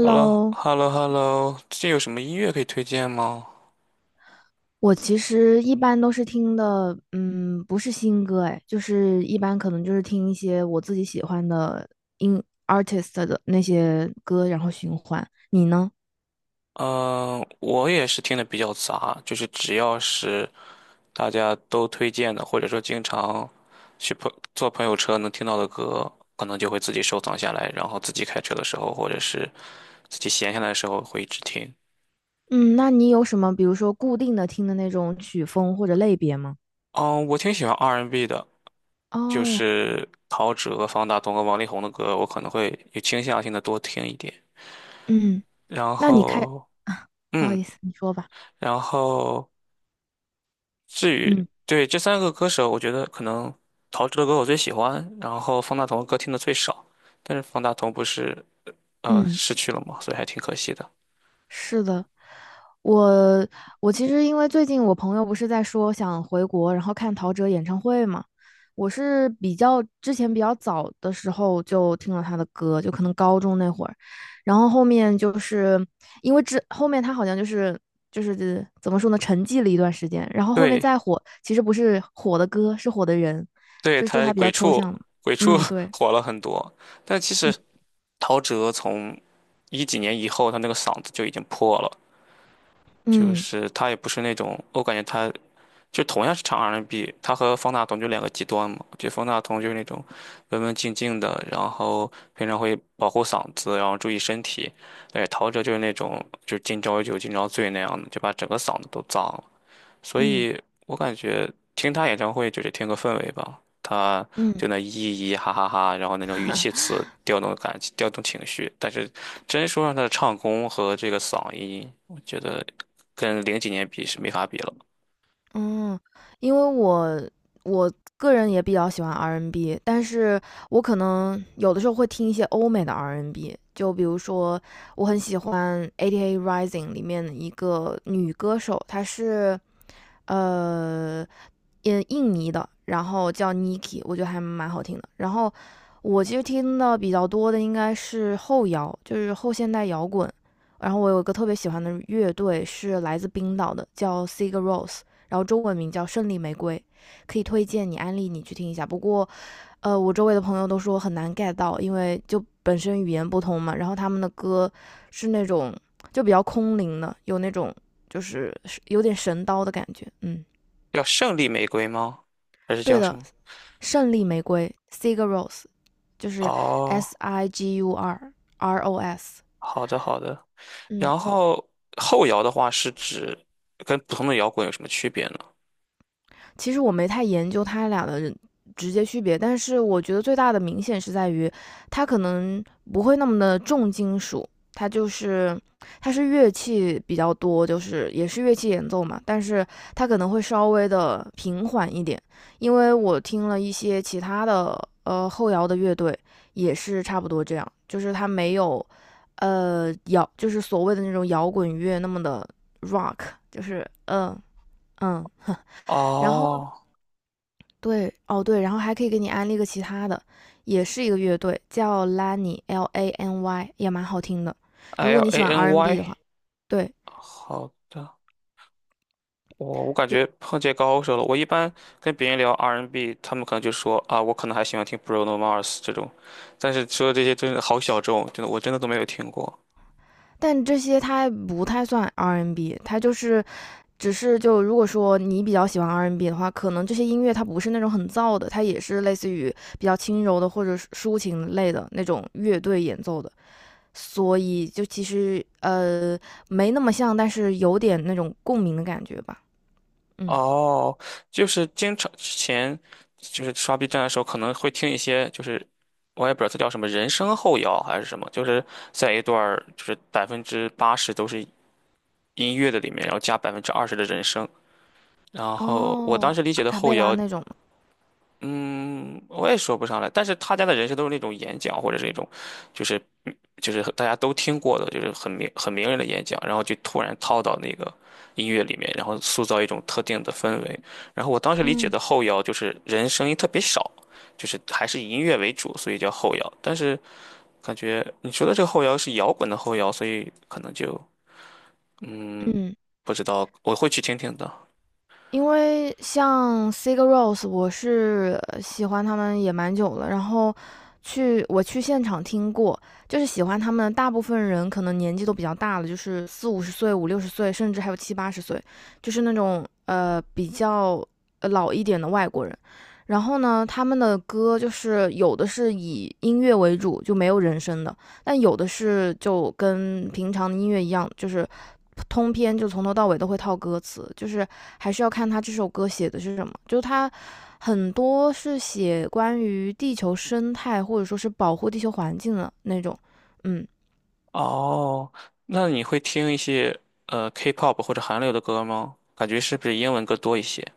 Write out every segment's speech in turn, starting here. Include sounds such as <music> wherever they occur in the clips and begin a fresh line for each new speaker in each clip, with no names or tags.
h e l l o h e l l o h e l l o 最近有什么音乐可以推荐吗？
我其实一般都是听的，不是新歌，哎，就是一般可能就是听一些我自己喜欢的音 artist 的那些歌，然后循环。你呢？
嗯，我也是听的比较杂，就是只要是大家都推荐的，或者说经常去朋友车能听到的歌，可能就会自己收藏下来，然后自己开车的时候，或者是自己闲下来的时候会一直听。
嗯，那你有什么，比如说固定的听的那种曲风或者类别吗？
嗯，我挺喜欢 R&B 的，就
哦，
是陶喆、方大同和王力宏的歌，我可能会有倾向性的多听一点。
嗯，
然
那你开，
后，
<laughs> 啊，不好
嗯，
意思，你说吧。
然后。至于
嗯
对这三个歌手，我觉得可能陶喆的歌我最喜欢，然后方大同的歌听的最少。但是方大同不是
嗯。
逝去了嘛，所以还挺可惜的。
是的，我我其实因为最近我朋友不是在说想回国，然后看陶喆演唱会嘛，我是比较之前比较早的时候就听了他的歌，就可能高中那会儿，然后后面就是因为之后面他好像就是怎么说呢，沉寂了一段时间，然后后面
对，
再火，其实不是火的歌，是火的人，
对，
就是说
他
他比
鬼
较抽
畜
象嘛，
鬼畜
嗯，
<laughs>
对，
火了很多，但其实
嗯
陶喆从一几年以后，他那个嗓子就已经破了，就
嗯
是他也不是那种，我感觉他就同样是唱 R&B，他和方大同就两个极端嘛。就方大同就是那种文文静静的，然后平常会保护嗓子，然后注意身体。对，陶喆就是那种就是今朝有酒今朝醉那样的，就把整个嗓子都脏了。所
嗯
以我感觉听他演唱会就是听个氛围吧，他
嗯，
就那咿咿哈哈哈，然后那种语气
<laughs>
词调动感情，调动情绪。但是真说让他的唱功和这个嗓音，我觉得跟零几年比是没法比了。
嗯，因为我个人也比较喜欢 R&B，N 但是我可能有的时候会听一些欧美的 R&B，N 就比如说我很喜欢8 A Rising 里面的一个女歌手，她是呃印尼的，然后叫 Niki，我觉得还蛮好听的。然后我其实听的比较多的应该是后摇，就是后现代摇滚。然后我有一个特别喜欢的乐队是来自冰岛的，叫 Sigur Rós。然后中文名叫《胜利玫瑰》，可以推荐你安利你去听一下。不过，我周围的朋友都说很难 get 到，因为就本身语言不通嘛，然后他们的歌是那种就比较空灵的，有那种就是有点神刀的感觉。嗯，
叫胜利玫瑰吗？还是
对
叫什
的，
么？
《胜利玫瑰》（Sigur Ros） 就是
哦，
S I G U R R O S。
好的好的。
嗯，
然后后摇的话是指跟普通的摇滚有什么区别呢？
其实我没太研究它俩的直接区别，但是我觉得最大的明显是在于，它可能不会那么的重金属，它就是它是乐器比较多，就是也是乐器演奏嘛，但是它可能会稍微的平缓一点，因为我听了一些其他的后摇的乐队也是差不多这样，就是它没有摇，就是所谓的那种摇滚乐那么的 rock，就是嗯，<laughs> 然后
哦
对，哦对，然后还可以给你安利个其他的，也是一个乐队，叫 Lany L A N Y，也蛮好听的。如果
，L
你喜
A
欢
N
R&B n
Y。
的话，对，
好的，我感
就
觉碰见高手了。我一般跟别人聊 R&B， 他们可能就说啊，我可能还喜欢听 Bruno Mars 这种，但是说这些真的好小众，真的我真的都没有听过。
但这些它不太算 R&B，n 它就是只是就如果说你比较喜欢 R&B n 的话，可能这些音乐它不是那种很燥的，它也是类似于比较轻柔的或者是抒情类的那种乐队演奏的，所以就其实没那么像，但是有点那种共鸣的感觉吧，嗯。
哦，就是经常之前就是刷 B 站的时候，可能会听一些，就是我也不知道它叫什么人声后摇还是什么，就是在一段儿就是80%都是音乐的里面，然后加20%的人声。然后我当
哦，
时理
阿
解的
卡
后
贝拉
摇。
那种吗？
嗯，我也说不上来，但是他家的人设都是那种演讲，或者是那种，就是就是大家都听过的，就是很名人的演讲，然后就突然套到那个音乐里面，然后塑造一种特定的氛围。然后我当时理解
嗯
的后摇就是人声音特别少，就是还是以音乐为主，所以叫后摇。但是感觉你说的这个后摇是摇滚的后摇，所以可能就嗯
嗯，
不知道，我会去听听的。
因为像 Sigur Rós，我是喜欢他们也蛮久了，然后我去现场听过，就是喜欢他们大部分人可能年纪都比较大了，就是四五十岁、五六十岁，甚至还有七八十岁，就是那种比较老一点的外国人。然后呢，他们的歌就是有的是以音乐为主，就没有人声的，但有的是就跟平常的音乐一样，就是。通篇就从头到尾都会套歌词，就是还是要看他这首歌写的是什么。就是他很多是写关于地球生态或者说是保护地球环境的那种。嗯，
哦，那你会听一些K-pop 或者韩流的歌吗？感觉是不是英文歌多一些？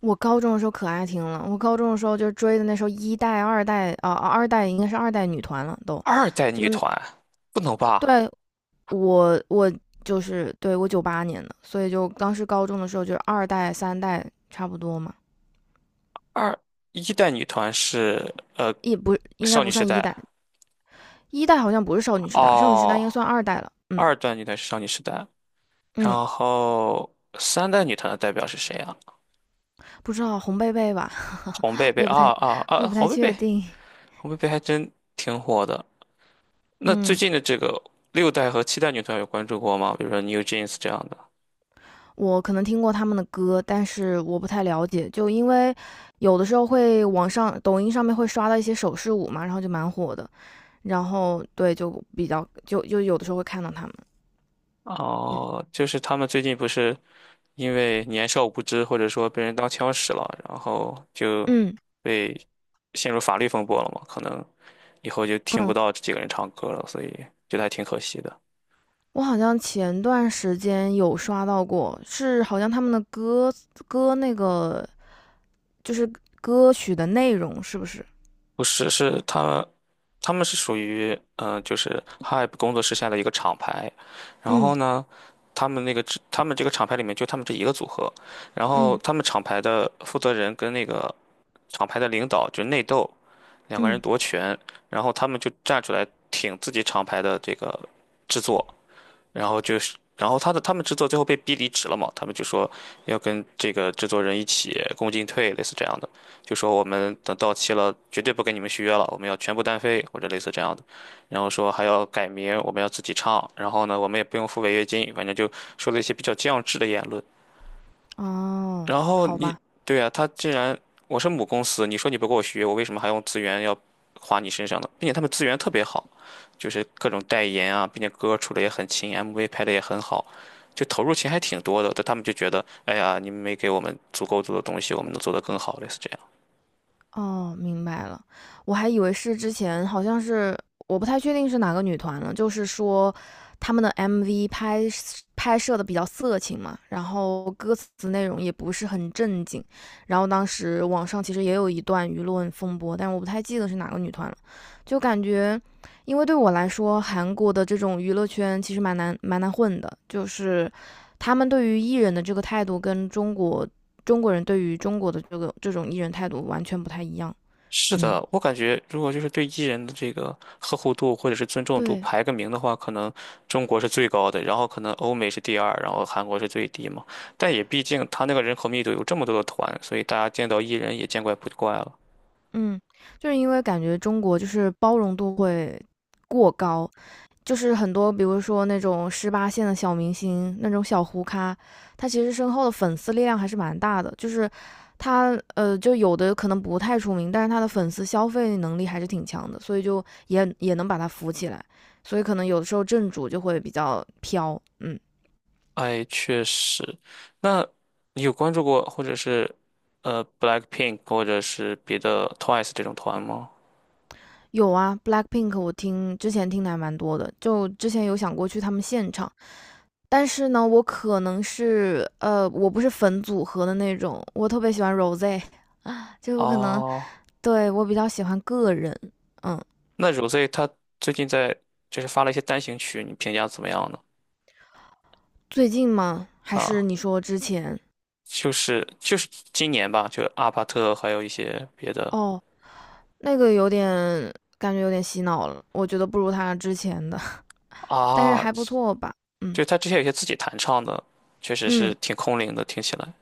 我高中的时候可爱听了，我高中的时候就追的那时候一代、二代啊、二代应该是二代女团了，都
二代
就
女团不能吧？
对我就是对我98年的，所以就当时高中的时候就是二代、三代差不多嘛，
二一代女团是
也不应该
少女
不
时
算一
代
代。一代好像不是少女时代，少女时代应该
哦，
算二代了。嗯
二代女团是少女时代，
嗯，
然后三代女团的代表是谁啊？
不知道红贝贝吧，
红贝
<laughs> 我
贝
也不
啊
太，
啊
我
啊！
也不
红
太
贝贝，
确定。
红贝贝还真挺火的。那最
嗯，
近的这个六代和七代女团有关注过吗？比如说 NewJeans 这样的。
我可能听过他们的歌，但是我不太了解，就因为有的时候会网上抖音上面会刷到一些手势舞嘛，然后就蛮火的，然后对就比较就有的时候会看到他们。嗯
哦，就是他们最近不是因为年少无知，或者说被人当枪使了，然后就
嗯
被陷入法律风波了嘛？可能以后就听不
嗯，
到这几个人唱歌了，所以觉得还挺可惜的。
我好像前段时间有刷到过，是好像他们的歌那个就是歌曲的内容是不是？
不是，是他们，他们是属于就是 Hype 工作室下的一个厂牌，然后
嗯。
呢，他们这个厂牌里面就他们这一个组合，然后
嗯
他们厂牌的负责人跟那个厂牌的领导就内斗，两个人
嗯，
夺权，然后他们就站出来挺自己厂牌的这个制作，然后他们制作最后被逼离职了嘛，他们就说要跟这个制作人一起共进退，类似这样的，就说我们等到期了，绝对不跟你们续约了，我们要全部单飞或者类似这样的，然后说还要改名，我们要自己唱，然后呢，我们也不用付违约金，反正就说了一些比较降智的言论。
哦，
然后
好
你，
吧，
对呀，他既然我是母公司，你说你不给我学，我为什么还用资源要花你身上呢？并且他们资源特别好，就是各种代言啊，并且歌出的也很勤，MV 拍的也很好，就投入钱还挺多的。但他们就觉得，哎呀，你们没给我们足够多的东西，我们能做得更好，类似这样。
哦，明白了。我还以为是之前好像是我不太确定是哪个女团了，就是说他们的 MV 拍摄拍摄的比较色情嘛，然后歌词内容也不是很正经，然后当时网上其实也有一段舆论风波，但我不太记得是哪个女团了，就感觉因为对我来说，韩国的这种娱乐圈其实蛮难蛮难混的，就是。他们对于艺人的这个态度跟中国人对于中国的这种艺人态度完全不太一样。
是
嗯，
的，我感觉如果就是对艺人的这个呵护度或者是尊重度
对，
排个名的话，可能中国是最高的，然后可能欧美是第二，然后韩国是最低嘛。但也毕竟他那个人口密度有这么多的团，所以大家见到艺人也见怪不怪了。
嗯，就是因为感觉中国就是包容度会过高，就是很多比如说那种18线的小明星，那种小糊咖，他其实身后的粉丝力量还是蛮大的，就是。他就有的可能不太出名，但是他的粉丝消费能力还是挺强的，所以就也能把他扶起来，所以可能有的时候正主就会比较飘，嗯。
哎，确实。那你有关注过或者是BLACKPINK 或者是别的 TWICE 这种团吗？
有啊，Blackpink 我听之前听的还蛮多的，就之前有想过去他们现场，但是呢，我可能是我不是粉组合的那种，我特别喜欢 Rose，<laughs> 啊，就我可能
哦，
对我比较喜欢个人，嗯，
那 Rosé 他最近在就是发了一些单行曲，你评价怎么样呢？
最近吗？还是
啊。
你说之前？
就是今年吧，就阿帕特还有一些别的
哦，那个有点感觉有点洗脑了，我觉得不如他之前的，<laughs> 但是
啊，
还不错吧，嗯
就他之前有些自己弹唱的，确实是
嗯。
挺空灵的，听起来。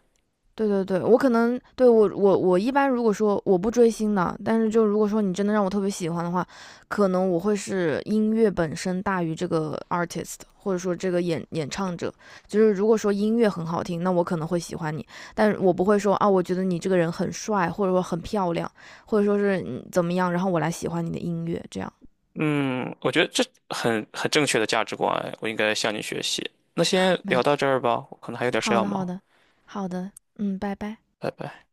对对对，我可能对我一般如果说我不追星的，但是就如果说你真的让我特别喜欢的话，可能我会是音乐本身大于这个 artist，或者说这个演唱者。就是如果说音乐很好听，那我可能会喜欢你，但我不会说啊，我觉得你这个人很帅，或者说很漂亮，或者说是怎么样，然后我来喜欢你的音乐这样。
嗯，我觉得这很正确的价值观，我应该向你学习。那先
没
聊
有，
到这儿吧，我可能还有点事
好
要
的好
忙，
的好的，拜拜。
拜拜。